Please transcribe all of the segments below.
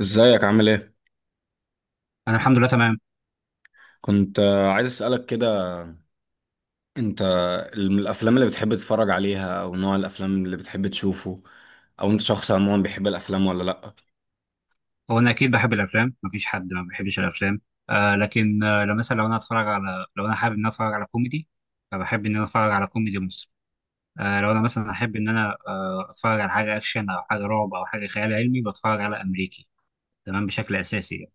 ازيك عامل ايه؟ انا الحمد لله تمام. كنت عايز اسألك كده. انت الافلام اللي بتحب تتفرج عليها او نوع الافلام اللي بتحب تشوفه، او انت شخص عموما بيحب الافلام ولا لأ؟ هو انا اكيد بحب الافلام، مفيش حد ما بيحبش الافلام. آه لكن آه لو مثلا لو انا حابب ان انا اتفرج على كوميدي، فبحب ان انا اتفرج على كوميدي مصري. لو انا مثلا احب ان انا اتفرج على حاجه اكشن او حاجه رعب او حاجه خيال علمي، بتفرج على امريكي. تمام، بشكل اساسي يعني.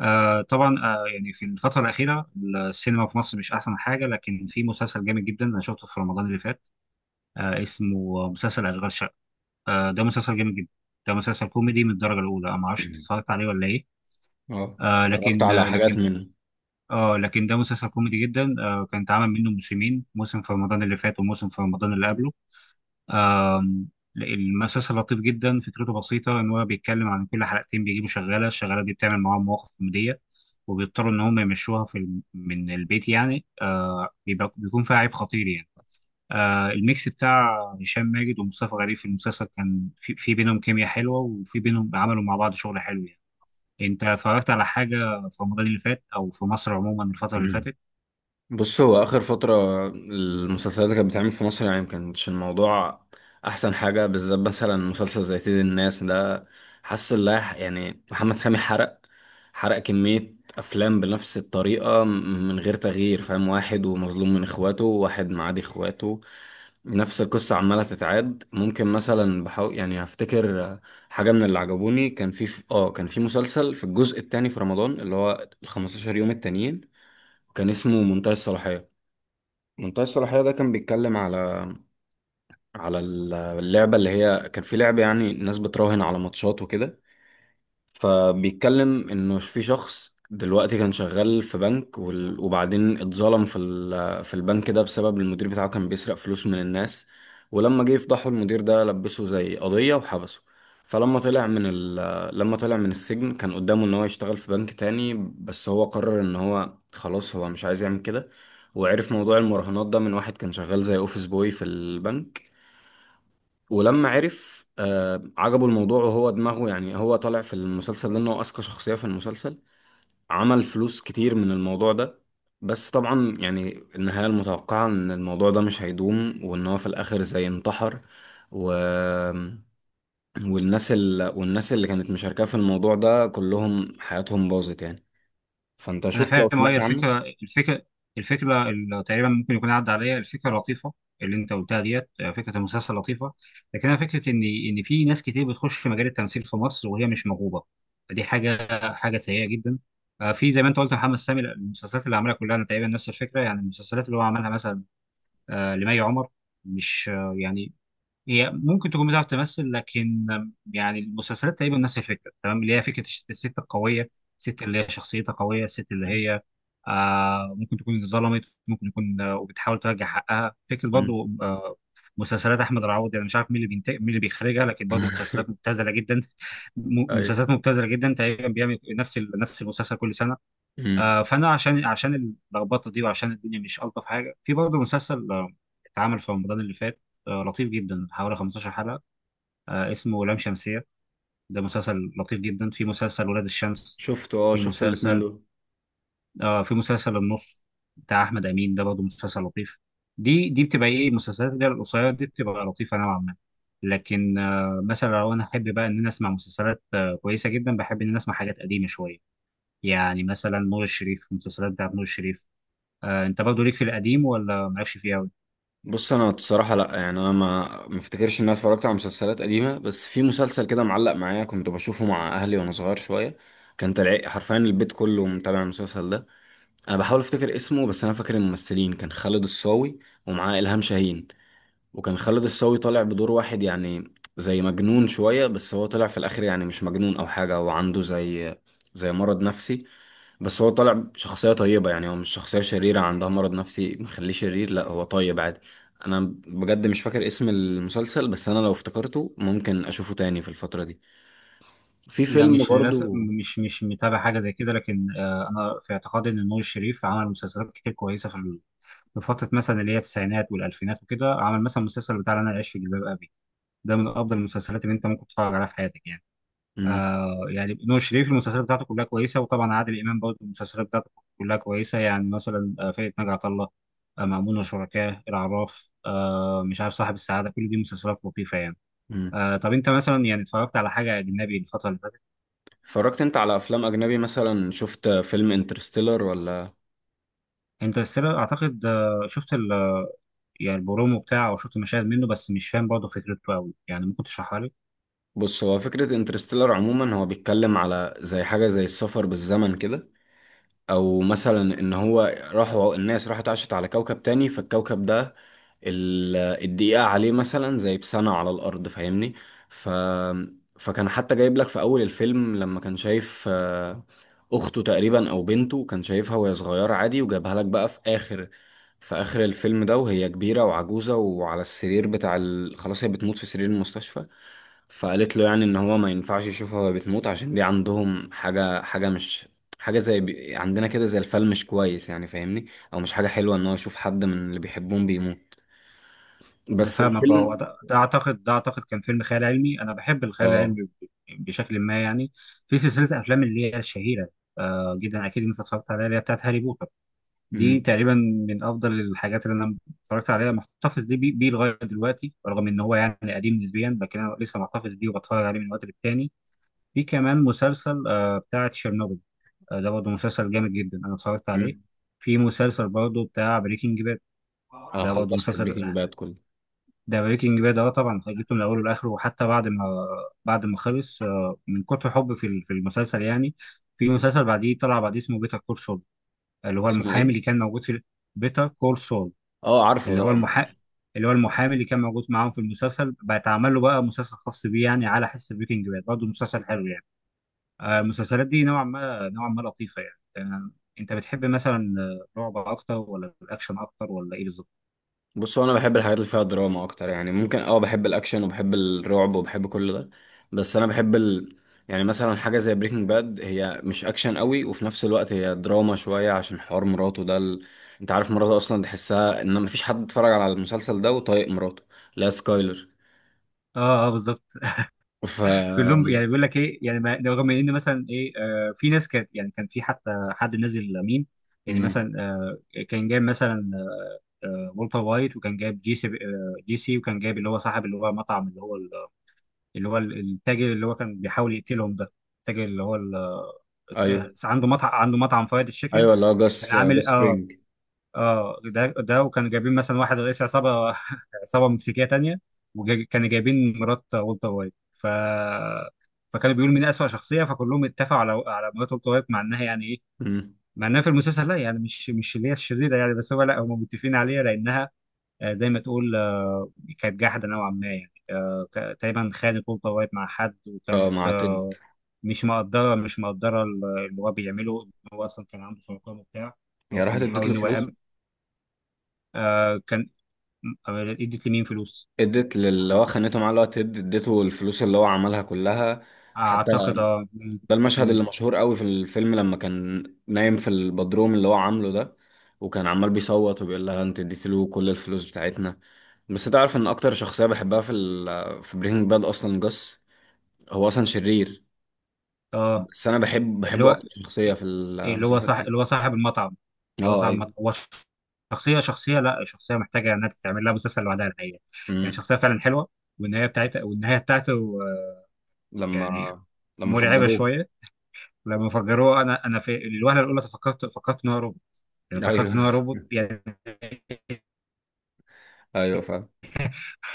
آه طبعا آه يعني في الفتره الاخيره السينما في مصر مش احسن حاجه، لكن في مسلسل جامد جدا انا شفته في رمضان اللي فات، اسمه مسلسل اشغال شقه. ده مسلسل جامد جدا، ده مسلسل كوميدي من الدرجه الاولى. أنا ما اعرفش انت اتفرجت عليه ولا ايه؟ اه، آه اتفرجت لكن على آه لكن حاجات منه. اه لكن ده مسلسل كوميدي جدا، كان اتعمل منه موسمين، موسم في رمضان اللي فات وموسم في رمضان اللي قبله. آم، المسلسل لطيف جدا، فكرته بسيطة ان هو بيتكلم عن كل حلقتين بيجيبوا شغالة، الشغالة دي بتعمل معاهم مواقف كوميدية وبيضطروا ان هم يمشوها في من البيت، يعني بيبقى بيكون فيها عيب خطير يعني. الميكس بتاع هشام ماجد ومصطفى غريب في المسلسل كان في بينهم كيمياء حلوة، وفي بينهم عملوا مع بعض شغل حلو يعني. انت اتفرجت على حاجه في رمضان اللي فات او في مصر عموما الفتره اللي فاتت؟ بص، هو آخر فترة المسلسلات اللي كانت بتعمل في مصر يعني مكانش الموضوع أحسن حاجة، بالذات مثلا مسلسل زي سيد الناس ده. حاسس اللي يعني محمد سامي حرق، حرق كمية أفلام بنفس الطريقة من غير تغيير. فاهم؟ واحد ومظلوم من إخواته، واحد معادي إخواته، نفس القصة عمالة تتعاد. ممكن مثلا بحاول يعني هفتكر حاجة من اللي عجبوني. كان في اه، كان في مسلسل في الجزء التاني في رمضان، اللي هو ال 15 يوم التانيين، كان اسمه منتهى الصلاحية. منتهى الصلاحية ده كان بيتكلم على على اللعبة اللي هي، كان في لعبة يعني الناس بتراهن على ماتشات وكده. فبيتكلم انه في شخص دلوقتي كان شغال في بنك، وبعدين اتظلم في البنك ده بسبب المدير بتاعه كان بيسرق فلوس من الناس. ولما جه يفضحه، المدير ده لبسه زي قضية وحبسه. فلما طلع من لما طلع من السجن كان قدامه ان هو يشتغل في بنك تاني، بس هو قرر ان هو خلاص هو مش عايز يعمل كده. وعرف موضوع المراهنات ده من واحد كان شغال زي اوفيس بوي في البنك. ولما عرف عجبه الموضوع، وهو دماغه يعني هو طالع في المسلسل ده ان هو اذكى شخصية في المسلسل. عمل فلوس كتير من الموضوع ده. بس طبعا يعني النهاية المتوقعة ان الموضوع ده مش هيدوم، وان هو في الاخر زي انتحر. و والناس والناس اللي كانت مشاركة في الموضوع ده كلهم حياتهم باظت يعني. فانت انا شفت او فاهم، اه، هي سمعت عنه؟ الفكره اللي تقريبا ممكن يكون عدى عليا. الفكره لطيفه اللي انت قلتها ديت، فكره المسلسل لطيفه، لكن انا فكره ان في ناس كتير بتخش مجال التمثيل في مصر وهي مش موهوبه، فدي حاجه سيئه جدا. في زي ما انت قلت محمد سامي، المسلسلات اللي عملها كلها انا تقريبا نفس الفكره، يعني المسلسلات اللي هو عملها مثلا لمي عمر، مش آه، يعني هي ممكن تكون بتعرف تمثل، لكن يعني المسلسلات تقريبا نفس الفكره، تمام، اللي هي فكره الست القويه، الست اللي هي شخصيتها قويه، الست اللي هي ممكن تكون اتظلمت، ممكن يكون وبتحاول ترجع حقها، فكره مم. برضو مسلسلات احمد العوضي. انا مش عارف مين اللي بينتج مين اللي بيخرجها، لكن برضو مسلسلات مبتذله جدا. ايوه. مسلسلات مبتذله جدا، تقريبا بيعمل نفس المسلسل كل سنه. مم. فانا عشان اللخبطه دي وعشان الدنيا مش الطف حاجه، في برضه مسلسل اتعمل في رمضان اللي فات، لطيف جدا، حوالي 15 حلقه، اسمه لام شمسيه، ده مسلسل لطيف جدا. في مسلسل ولاد الشمس، شفته، اه في شفت الاتنين مسلسل دول. في مسلسل النص بتاع احمد امين، ده برضه مسلسل لطيف. دي بتبقى ايه المسلسلات اللي هي القصيره دي، بتبقى لطيفه نوعا ما. لكن مثلا لو انا احب بقى ان انا اسمع مسلسلات كويسه جدا، بحب ان انا اسمع حاجات قديمه شويه، يعني مثلا نور الشريف، المسلسلات بتاعت نور الشريف. انت برضه ليك في القديم ولا مالكش فيه قوي؟ بص، انا بصراحه لا، يعني انا ما افتكرش ان انا اتفرجت على مسلسلات قديمه، بس في مسلسل كده معلق معايا كنت بشوفه مع اهلي وانا صغير شويه. كان طلع حرفيا البيت كله متابع المسلسل ده. انا بحاول افتكر اسمه، بس انا فاكر الممثلين، كان خالد الصاوي ومعاه الهام شاهين. وكان خالد الصاوي طالع بدور واحد يعني زي مجنون شوية، بس هو طلع في الآخر يعني مش مجنون أو حاجة، هو عنده زي زي مرض نفسي. بس هو طالع شخصية طيبة، يعني هو مش شخصية شريرة عندها مرض نفسي مخليه شرير، لا هو طيب عادي. أنا بجد مش فاكر اسم المسلسل، بس أنا لو افتكرته ممكن أشوفه تاني في الفترة دي. في لا، فيلم مش للاسف، برضو. مش متابع حاجه زي كده. لكن انا في اعتقادي ان نور الشريف عمل مسلسلات كتير كويسه في في فتره مثلا اللي هي التسعينات والالفينات وكده. عمل مثلا المسلسل بتاع انا عايش في جلباب ابي، ده من افضل المسلسلات اللي انت ممكن تتفرج عليها في حياتك يعني. مم. يعني نور الشريف المسلسلات بتاعته كلها كويسه، وطبعا عادل امام برضه المسلسلات بتاعته كلها كويسه، يعني مثلا فرقه ناجي عطا الله، مأمون وشركاه، العراف، مش عارف، صاحب السعاده، كل دي مسلسلات لطيفه يعني. مم. طب انت مثلا يعني اتفرجت على حاجه اجنبي الفتره اللي فاتت؟ اتفرجت أنت على أفلام أجنبي؟ مثلا شفت فيلم انترستيلر ولا؟ انترستيلر اعتقد شفت يعني البرومو بتاعه، او شفت مشاهد منه، بس مش فاهم برضه فكرته قوي، يعني ممكن تشرحها لي. بص، هو فكرة انترستيلر عموما هو بيتكلم على زي حاجة زي السفر بالزمن كده. او مثلا ان هو راحوا، الناس راحت عاشت على كوكب تاني، فالكوكب ده ال- الدقيقة عليه مثلا زي بسنة على الارض. فاهمني؟ ف فكان حتى جايب لك في اول الفيلم لما كان شايف اخته تقريبا او بنته، كان شايفها وهي صغيرة عادي، وجابها لك بقى في اخر، في اخر الفيلم ده وهي كبيرة وعجوزة وعلى السرير بتاع خلاص هي بتموت في سرير المستشفى. فقالت له يعني ان هو ما ينفعش يشوفها وهي بتموت عشان دي عندهم حاجة، حاجة مش حاجة زي عندنا كده، زي الفيلم مش كويس يعني، فاهمني؟ او مش حاجة حلوة ان هو يشوف حد من اللي بيحبهم بيموت. انا بس فاهمك، اه، هو الفيلم ده اعتقد كان فيلم خيال علمي، انا بحب الخيال اه. العلمي بشكل ما يعني. في سلسله افلام اللي هي الشهيره جدا، اكيد انت اتفرجت عليها، اللي هي بتاعت هاري بوتر، دي امم. تقريبا من افضل الحاجات اللي انا اتفرجت عليها، محتفظ دي بيه لغايه دلوقتي، رغم ان هو يعني قديم نسبيا، لكن انا لسه محتفظ بيه وبتفرج عليه من وقت للتاني. في كمان مسلسل بتاع تشيرنوبل، ده برضه مسلسل جامد جدا انا اتفرجت عليه. امم. في مسلسل برضه بتاع بريكنج باد، انا ده برضه خلصت مسلسل بريكنج باد كله. ده بريكنج باد ده طبعا خليته من اوله لاخره، وحتى بعد ما خلص، من كتر حب في في المسلسل يعني. في مسلسل بعديه طلع بعديه اسمه بيتر كول سول، اللي هو اسمه المحامي ايه؟ اللي كان موجود في بيتر كول سول اه عارفه اللي ده. هو المحا اللي هو المحامي اللي كان موجود معاهم في المسلسل، بقى اتعمل له بقى مسلسل خاص بيه يعني على حس بريكنج باد، برضه مسلسل حلو يعني. المسلسلات دي نوعا ما لطيفة يعني. انت بتحب مثلا رعب اكتر ولا الاكشن اكتر ولا ايه بالظبط؟ بص، هو انا بحب الحاجات اللي فيها دراما اكتر. يعني ممكن اه بحب الاكشن وبحب الرعب وبحب كل ده، بس انا بحب يعني مثلا حاجه زي بريكنج باد، هي مش اكشن قوي وفي نفس الوقت هي دراما شويه عشان حوار مراته ده انت عارف مراته اصلا تحسها ان مفيش حد اتفرج على المسلسل ده وطايق مراته. لا، سكايلر. اه اه بالظبط. ف كلهم يعني بيقول لك ايه يعني، رغم ان مثلا ايه، في ناس كانت يعني، كان في حتى حد نازل ميم، يعني مم. مثلا كان جايب مثلا والتر وايت، وكان جايب جي سي، وكان جايب اللي هو صاحب، اللي هو مطعم، التاجر اللي هو كان بيحاول يقتلهم ده، التاجر اللي هو ال- آه، ايوه. عنده مطعم، عنده مطعم فرايد تشيكن، ايوه اللي هو كان جاس، عامل جاس اه. فرينج. ده وكانوا جايبين مثلا واحد رئيس عصابه، عصابه مكسيكيه تانية، وكانوا جايبين مرات والتر وايت، ف فكانوا بيقولوا مين اسوأ شخصيه، فكلهم اتفقوا على مرات والتر وايت، مع انها يعني ايه، مم. مع انها في المسلسل لا، يعني مش اللي هي الشريره يعني، بس هو لا، هم متفقين عليها لانها زي ما تقول كانت جاحده نوعا ما يعني. تقريبا خانت والتر وايت مع حد، اه، وكانت مع تيد. مش مقدره اللي هو بيعمله، إن هو اصلا كان عنده سرطان وبتاع. هي هو كان راحت اديت بيحاول له ان هو فلوس. يأمن آه، كان أم- ادت لمين فلوس؟ اديت للي هو خانته معاه، اللي هو تيد، اديته الفلوس اللي هو عملها كلها. حتى اعتقد اه ده المشهد م- اللي مشهور قوي في الفيلم، لما كان نايم في البدروم اللي هو عامله ده، وكان عمال بيصوت وبيقول لها انت اديتي له كل الفلوس بتاعتنا. بس تعرف ان اكتر شخصية بحبها في بريكنج باد اصلا جاس. هو اصلا شرير اه، بس انا اللي بحبه هو اكتر شخصية في المسلسل كله. صاحب المطعم، اه ايوه. هو شخصيه، شخصيه لا شخصيه محتاجه انها تتعمل لها مسلسل لوحدها، الحقيقه يعني امم. شخصيه فعلا حلوه. والنهايه بتاعته آه، يعني لما لما مرعبه فجروه. شويه. لما فجروه، انا في الوهله الاولى فكرت ان هو روبوت، يعني فكرت ايوه. ان هو روبوت يعني. ايوه فاهم.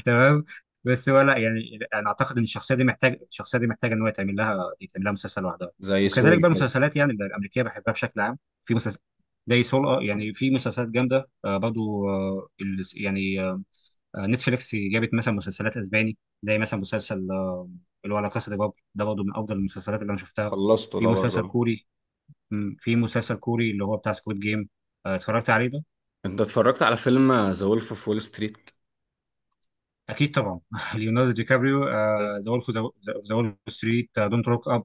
تمام، بس هو لا، يعني انا اعتقد ان الشخصيه دي محتاج، الشخصيه دي محتاجه ان هو يتعمل لها، يتعمل لها مسلسل لوحدها. زي وكذلك سول بقى كده. المسلسلات يعني الامريكيه بحبها بشكل عام، في مسلسل زي سول، يعني في مسلسلات جامده آه برضو آه ال- يعني آه آه، نتفليكس جابت مثلا مسلسلات اسباني، زي مثلا مسلسل اللي هو لا كاسا دي بابل، ده برضه من افضل المسلسلات اللي انا شفتها. خلصته في ده برضه. مسلسل كوري، في مسلسل كوري اللي هو بتاع سكويد جيم، اتفرجت عليه ده؟ انت اتفرجت على فيلم ذا وولف اوف وول ستريت؟ اكيد طبعا. ليوناردو دي كابريو، ذا وولف ذا وول ستريت، دونت روك اب،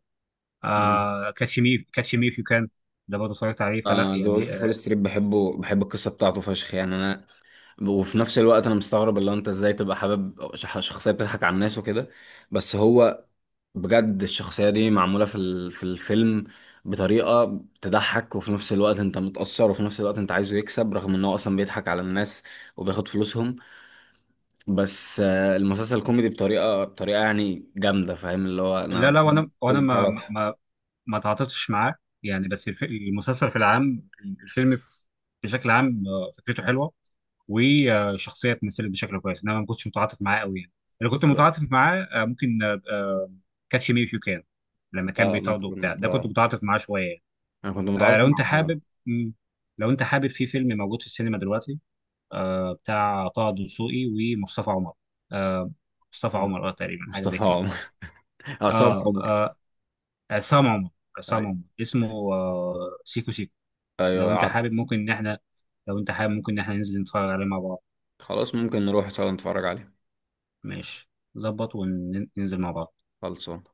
كاتش مي اف يو كان، ده برضه اتفرجت عليه، فلا انا ذا يعني وولف فول ستريت بحبه، بحب القصه بتاعته فشخ يعني. انا وفي نفس الوقت انا مستغرب اللي هو انت ازاي تبقى حابب شخصيه بتضحك على الناس وكده. بس هو بجد الشخصيه دي معموله في الفيلم بطريقه تضحك، وفي نفس الوقت انت متاثر، وفي نفس الوقت انت عايزه يكسب رغم ان هو اصلا بيضحك على الناس وبياخد فلوسهم. بس آه، المسلسل كوميدي بطريقه يعني جامده. فاهم اللي هو لا انا لا، وانا وانا ما بضحك. ما ما تعاطفتش معاه يعني. بس الف- المسلسل في العام الفيلم في- بشكل عام فكرته حلوه، وشخصيه اتمثلت بشكل كويس، انما ما كنتش متعاطف معاه قوي يعني. اللي كنت لا متعاطف معاه ممكن كاتش مي اف يو كان، لما كان لا، انا بيطارده وبتاع كنت، ده، كنت متعاطف معاه شويه يعني. انا كنت متعاطف لو انت مع حابب، مم. لو انت حابب، في فيلم موجود في السينما دلوقتي بتاع طه دسوقي ومصطفى عمر، آه مصطفى عمر اه تقريبا حاجه زي كده. مصطفى، عصام اه عمر. آه، عصام عمر عصام ايوه. عمر اسمه، آه سيكو سيكو. لو ايوه انت عارف. حابب ممكن ان احنا لو انت حابب ممكن ان احنا ننزل نتفرج عليه مع بعض. خلاص ممكن نروح سوا نتفرج عليه. ماشي، ظبط، وننزل مع بعض. خلصان.